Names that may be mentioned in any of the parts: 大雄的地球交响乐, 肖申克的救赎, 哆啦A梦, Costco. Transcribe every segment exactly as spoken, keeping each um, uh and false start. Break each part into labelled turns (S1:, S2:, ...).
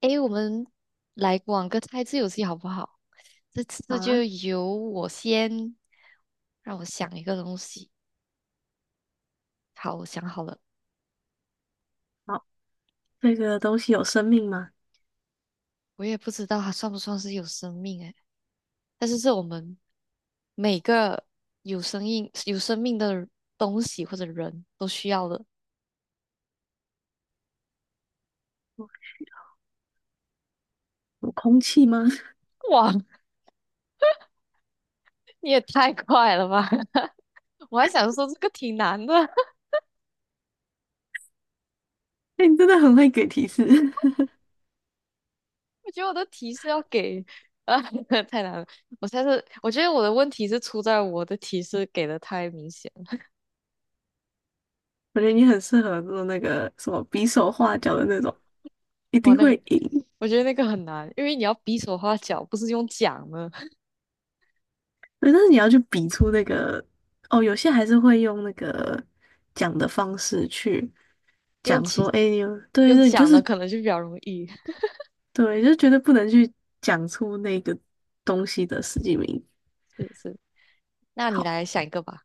S1: 诶，我们来玩个猜字游戏好不好？这
S2: 好
S1: 次就
S2: 啊。
S1: 由我先，让我想一个东西。好，我想好了，
S2: 好，这个东西有生命吗？
S1: 我也不知道它算不算是有生命诶，但是是我们每个有生命有生命的东西或者人都需要的。
S2: 有空气吗？
S1: 哇，你也太快了吧！我还想说这个挺难的。
S2: 哎、你真的很会给提示，
S1: 我觉得我的提示要给啊，太难了。我猜是，我觉得我的问题是出在我的提示给的太明显了。
S2: 我觉得你很适合做那个什么比手画脚的那种，一
S1: 哇，
S2: 定
S1: 那个，
S2: 会赢。
S1: 我觉得那个很难，因为你要比手画脚，不是用讲的，
S2: 对，但是你要去比出那个，哦，有些还是会用那个讲的方式去
S1: 用
S2: 讲
S1: 讲
S2: 说，哎、你有对
S1: 用
S2: 对，你就
S1: 讲
S2: 是
S1: 的可能就比较容易。
S2: 对，就觉得不能去讲出那个东西的实际名。
S1: 是是，那你
S2: 好。
S1: 来想一个吧，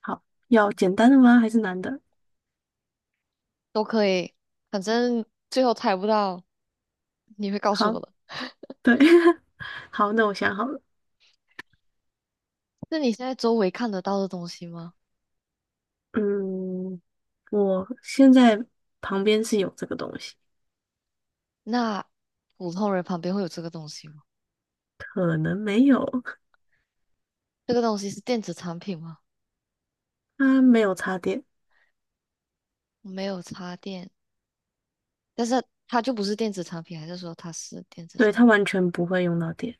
S2: 好，要简单的吗？还是难的？
S1: 都可以，反正最后猜不到，你会告诉
S2: 好，
S1: 我的。
S2: 对，好，那我想好了。
S1: 那你现在周围看得到的东西吗？
S2: 嗯，我现在旁边是有这个东西，
S1: 那普通人旁边会有这个东西吗？
S2: 可能没有，
S1: 这个东西是电子产品吗？
S2: 它没有插电，
S1: 没有插电。但是它就不是电子产品，还是说它是电子
S2: 对，
S1: 产
S2: 它
S1: 品？
S2: 完全不会用到电。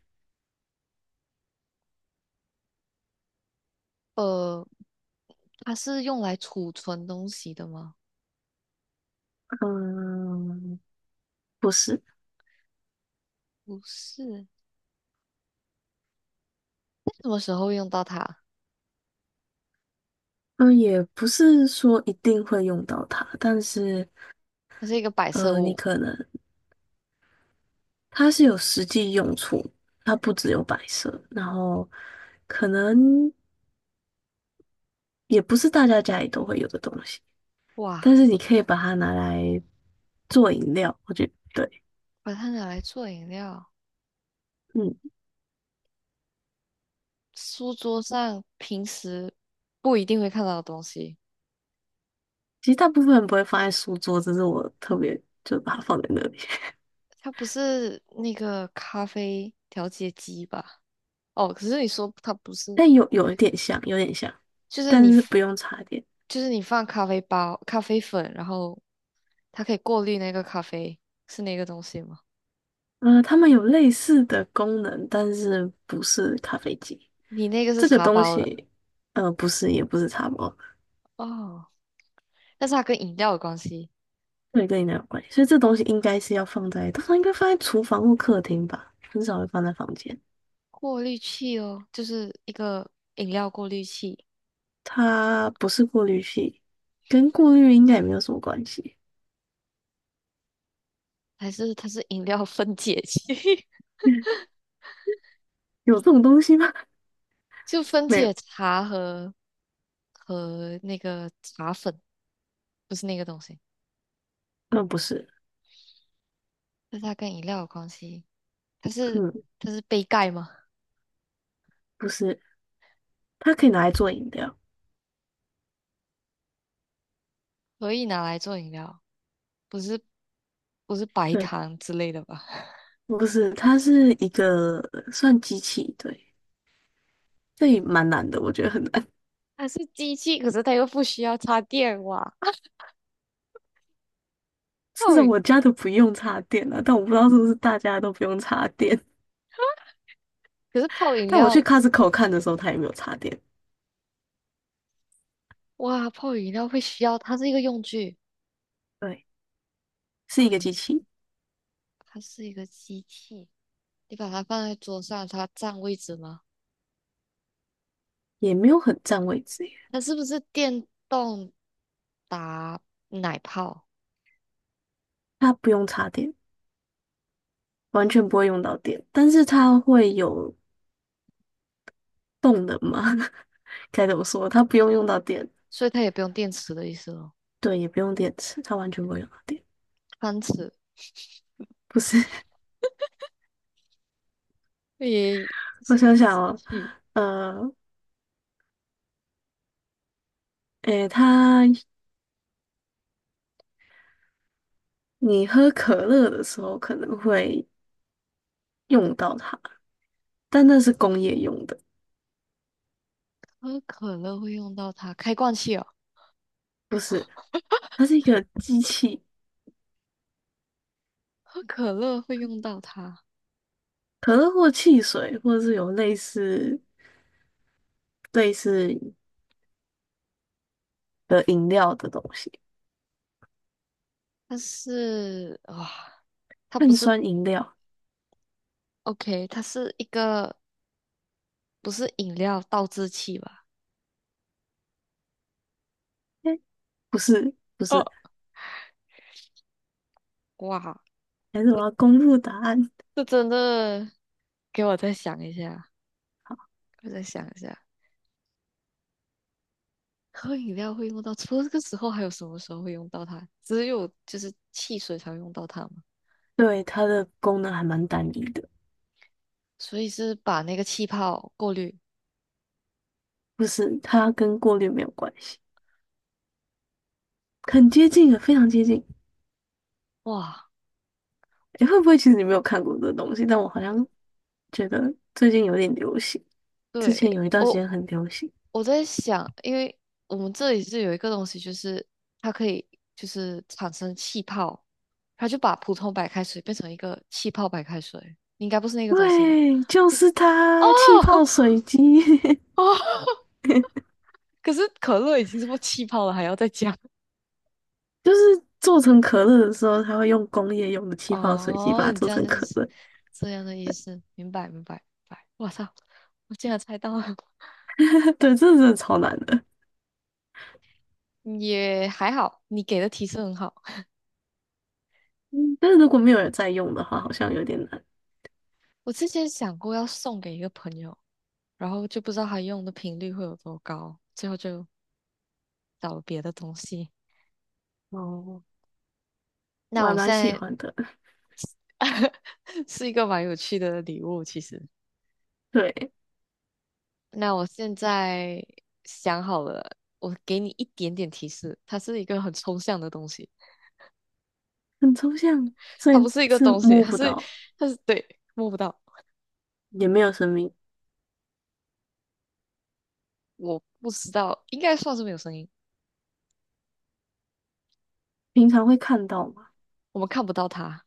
S1: 呃，它是用来储存东西的吗？
S2: 嗯，不是。
S1: 不是，什么时候会用到它？
S2: 嗯，也不是说一定会用到它，但是，
S1: 它是一个摆设
S2: 呃，你
S1: 物。
S2: 可能它是有实际用处，它不只有摆设，然后可能也不是大家家里都会有的东西，
S1: 哇，
S2: 但是你可以把它拿来做饮料，我觉得对。
S1: 把它拿来做饮料，
S2: 嗯，
S1: 书桌上平时不一定会看到的东西。
S2: 其实大部分人不会放在书桌，只是我特别就把它放在那里。
S1: 它不是那个咖啡调节机吧？哦，可是你说它不是，
S2: 但有有一点像，有点像，
S1: 就是你
S2: 但是
S1: f-
S2: 不用插电。
S1: 就是你放咖啡包、咖啡粉，然后它可以过滤那个咖啡，是那个东西吗？
S2: 呃，它们有类似的功能，但是不是咖啡机。
S1: 你那个是
S2: 这个
S1: 茶
S2: 东
S1: 包的
S2: 西，呃，不是，也不是茶包，
S1: 哦，但是它跟饮料有关系。
S2: 对，跟你那有关系。所以这东西应该是要放在，通常应该放在厨房或客厅吧，很少会放在房间。
S1: 过滤器哦，就是一个饮料过滤器，
S2: 它不是过滤器，跟过滤应该也没有什么关系。
S1: 还是它是饮料分解器，
S2: 有这种东西吗？
S1: 就分
S2: 没有。
S1: 解茶和和那个茶粉，不是那个东西。
S2: 嗯，不是。
S1: 但是它跟饮料有关系，它是
S2: 嗯，
S1: 它是杯盖吗？
S2: 不是。它可以拿来做饮料。
S1: 可以拿来做饮料，不是不是白
S2: 对，
S1: 糖之类的吧？
S2: 不是，它是一个算机器，对，这也蛮难的，我觉得很难。
S1: 它是机器，可是它又不需要插电哇。
S2: 至
S1: 泡
S2: 少
S1: 饮，
S2: 我家都不用插电啊，但我不知道是不是大家都不用插电。
S1: 可是泡 饮
S2: 但我去
S1: 料。
S2: Costco 看的时候，它也没有插电。
S1: 哇，泡饮料会需要，它是一个用具，
S2: 对，是一
S1: 泡
S2: 个机
S1: 饮
S2: 器，
S1: 它是一个机器，你把它放在桌上，它占位置吗？
S2: 也没有很占位置耶，
S1: 它是不是电动打奶泡？
S2: 它不用插电，完全不会用到电，但是它会有动能嘛？该怎么说？它不用用到电，
S1: 所以它也不用电池的意思咯。
S2: 对，也不用电池，它完全不会用到电。
S1: 汤匙
S2: 不是。
S1: 也
S2: 我
S1: 是一个
S2: 想想
S1: 机
S2: 哦，
S1: 器，
S2: 呃，诶，它你喝可乐的时候可能会用到它，但那是工业用的，
S1: 喝可乐会用到它，开罐器哦，
S2: 不是，它是一个机器，
S1: 喝可乐会用到它，
S2: 可乐或汽水，或者是有类似类似的饮料的东西，
S1: 但是哇，它不
S2: 碳
S1: 是
S2: 酸饮料。
S1: OK，它是一个不是饮料倒置器吧？
S2: 诶，不是，不
S1: 哦，
S2: 是。
S1: 哇。
S2: 还是我要公布答案。
S1: 这真的给我再想一下，我再想一下，喝饮料会用到，除了这个时候，还有什么时候会用到它？只有就是汽水才会用到它嘛，
S2: 对，它的功能还蛮单一的，
S1: 所以是把那个气泡过滤。
S2: 不是，它跟过滤没有关系，很接近了，非常接近。
S1: 哇，
S2: 你会不会其实你没有看过这东西？但我好像觉得最近有点流行，之前
S1: 对，
S2: 有一段时
S1: 我
S2: 间很流行。
S1: 我在想，因为我们这里是有一个东西，就是它可以就是产生气泡，它就把普通白开水变成一个气泡白开水，应该不是那个东西吧？
S2: 对，就
S1: 你
S2: 是
S1: 哦
S2: 它，气泡水机。
S1: 哦，可是可乐已经这么气泡了，还要再加？
S2: 就是做成可乐的时候，它会用工业用的气泡水机把
S1: 哦，
S2: 它
S1: 你
S2: 做
S1: 这样
S2: 成
S1: 的意
S2: 可
S1: 思，
S2: 乐。
S1: 这样的意思，明白明白明白。我操，我竟然猜到了，
S2: 对，这真的超难的。
S1: 嗯也还好，你给的提示很好。
S2: 嗯，但是如果没有人在用的话，好像有点难。
S1: 我之前想过要送给一个朋友，然后就不知道他用的频率会有多高，最后就找了别的东西。
S2: 哦，我
S1: 那
S2: 还
S1: 我
S2: 蛮
S1: 现
S2: 喜
S1: 在
S2: 欢的。
S1: 是一个蛮有趣的礼物，其实。
S2: 对，
S1: 那我现在想好了，我给你一点点提示，它是一个很抽象的东西，
S2: 很抽象，所
S1: 它
S2: 以
S1: 不是一个
S2: 是
S1: 东西，
S2: 摸
S1: 它
S2: 不
S1: 是
S2: 到，
S1: 它是对，摸不到。
S2: 也没有生命，
S1: 我不知道，应该算是没有声音，
S2: 平常会看到吗？
S1: 我们看不到它，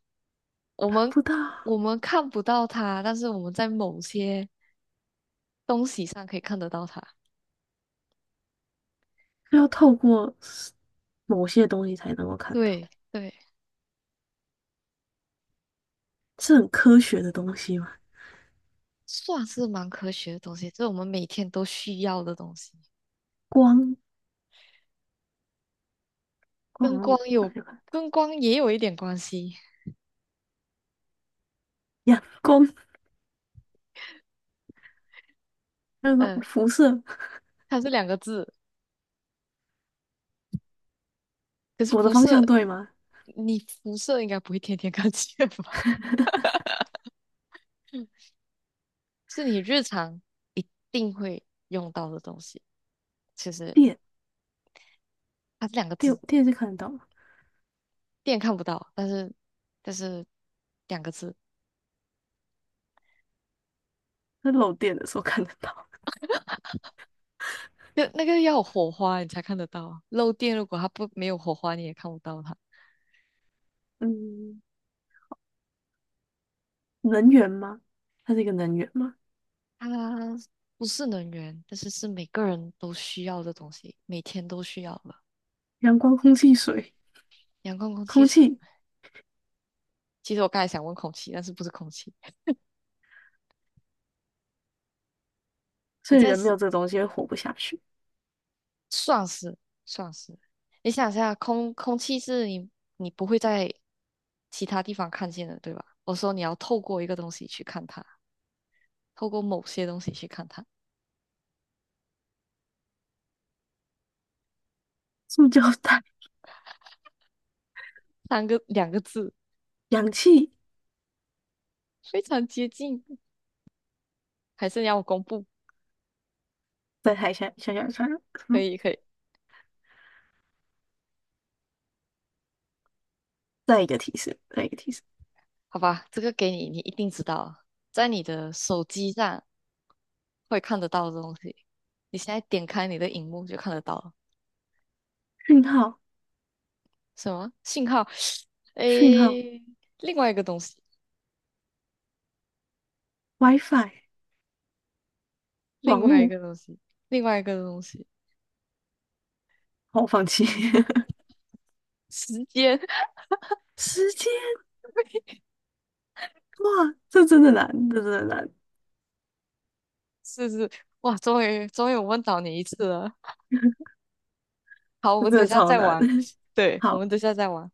S1: 我
S2: 看
S1: 们
S2: 不到。
S1: 我们看不到它，但是我们在某些东西上可以看得到它。
S2: 是要透过某些东西才能够看到，
S1: 对对，
S2: 是很科学的东西嘛？
S1: 算是蛮科学的东西，这是我们每天都需要的东西，
S2: 光，光好
S1: 跟
S2: 像
S1: 光
S2: 不
S1: 有
S2: 看，
S1: 跟光也有一点关系。
S2: 阳光那个
S1: 嗯，
S2: 辐射，
S1: 它是两个字，可是
S2: 我的
S1: 辐
S2: 方
S1: 射，
S2: 向对吗？
S1: 你辐射应该不会天天 看见吧？嗯是你日常一定会用到的东西。其实
S2: 电，
S1: 它是两个
S2: 电，
S1: 字。
S2: 电是看得到吗？
S1: 电看不到，但是但是两个字，
S2: 那漏电的时候看得到。
S1: 就那个要有火花你才看得到啊。漏电如果它不没有火花，你也看不到它。
S2: 嗯，能源吗？它是一个能源吗？
S1: 它不是能源，但是是每个人都需要的东西，每天都需要的。
S2: 阳光、空气、水，
S1: 阳光、空气、
S2: 空
S1: 水。
S2: 气，
S1: 其实我刚才想问空气，但是不是空气？你
S2: 所以
S1: 在
S2: 人没
S1: 想
S2: 有这个东西会活不下去。
S1: 算是算是，你想一下，空空气是你你不会在其他地方看见的，对吧？我说你要透过一个东西去看它，透过某些东西去看它。
S2: 塑胶袋、
S1: 三个两个字，
S2: 氧气，
S1: 非常接近。还是你要我公布？
S2: 在抬下想下下，
S1: 可
S2: 嗯，
S1: 以，可以，
S2: 再一个提示，再一个提示，
S1: 好吧，这个给你，你一定知道啊在你的手机上会看得到的东西，你现在点开你的荧幕就看得到了。
S2: 讯号，
S1: 什么信号？
S2: 讯号
S1: 诶，另外一个东西，
S2: ，wi fi。
S1: 另
S2: 网
S1: 外一
S2: 路，
S1: 个东西，另外一个东西，
S2: 好，我放弃。
S1: 时间，
S2: 时间，哇，这真的难，这真的难，
S1: 是是，哇，终于终于我问到你一次了。好，我
S2: 这
S1: 们
S2: 真
S1: 等一
S2: 的
S1: 下
S2: 超
S1: 再
S2: 难。
S1: 玩，对，我
S2: 好。
S1: 们等一下再玩。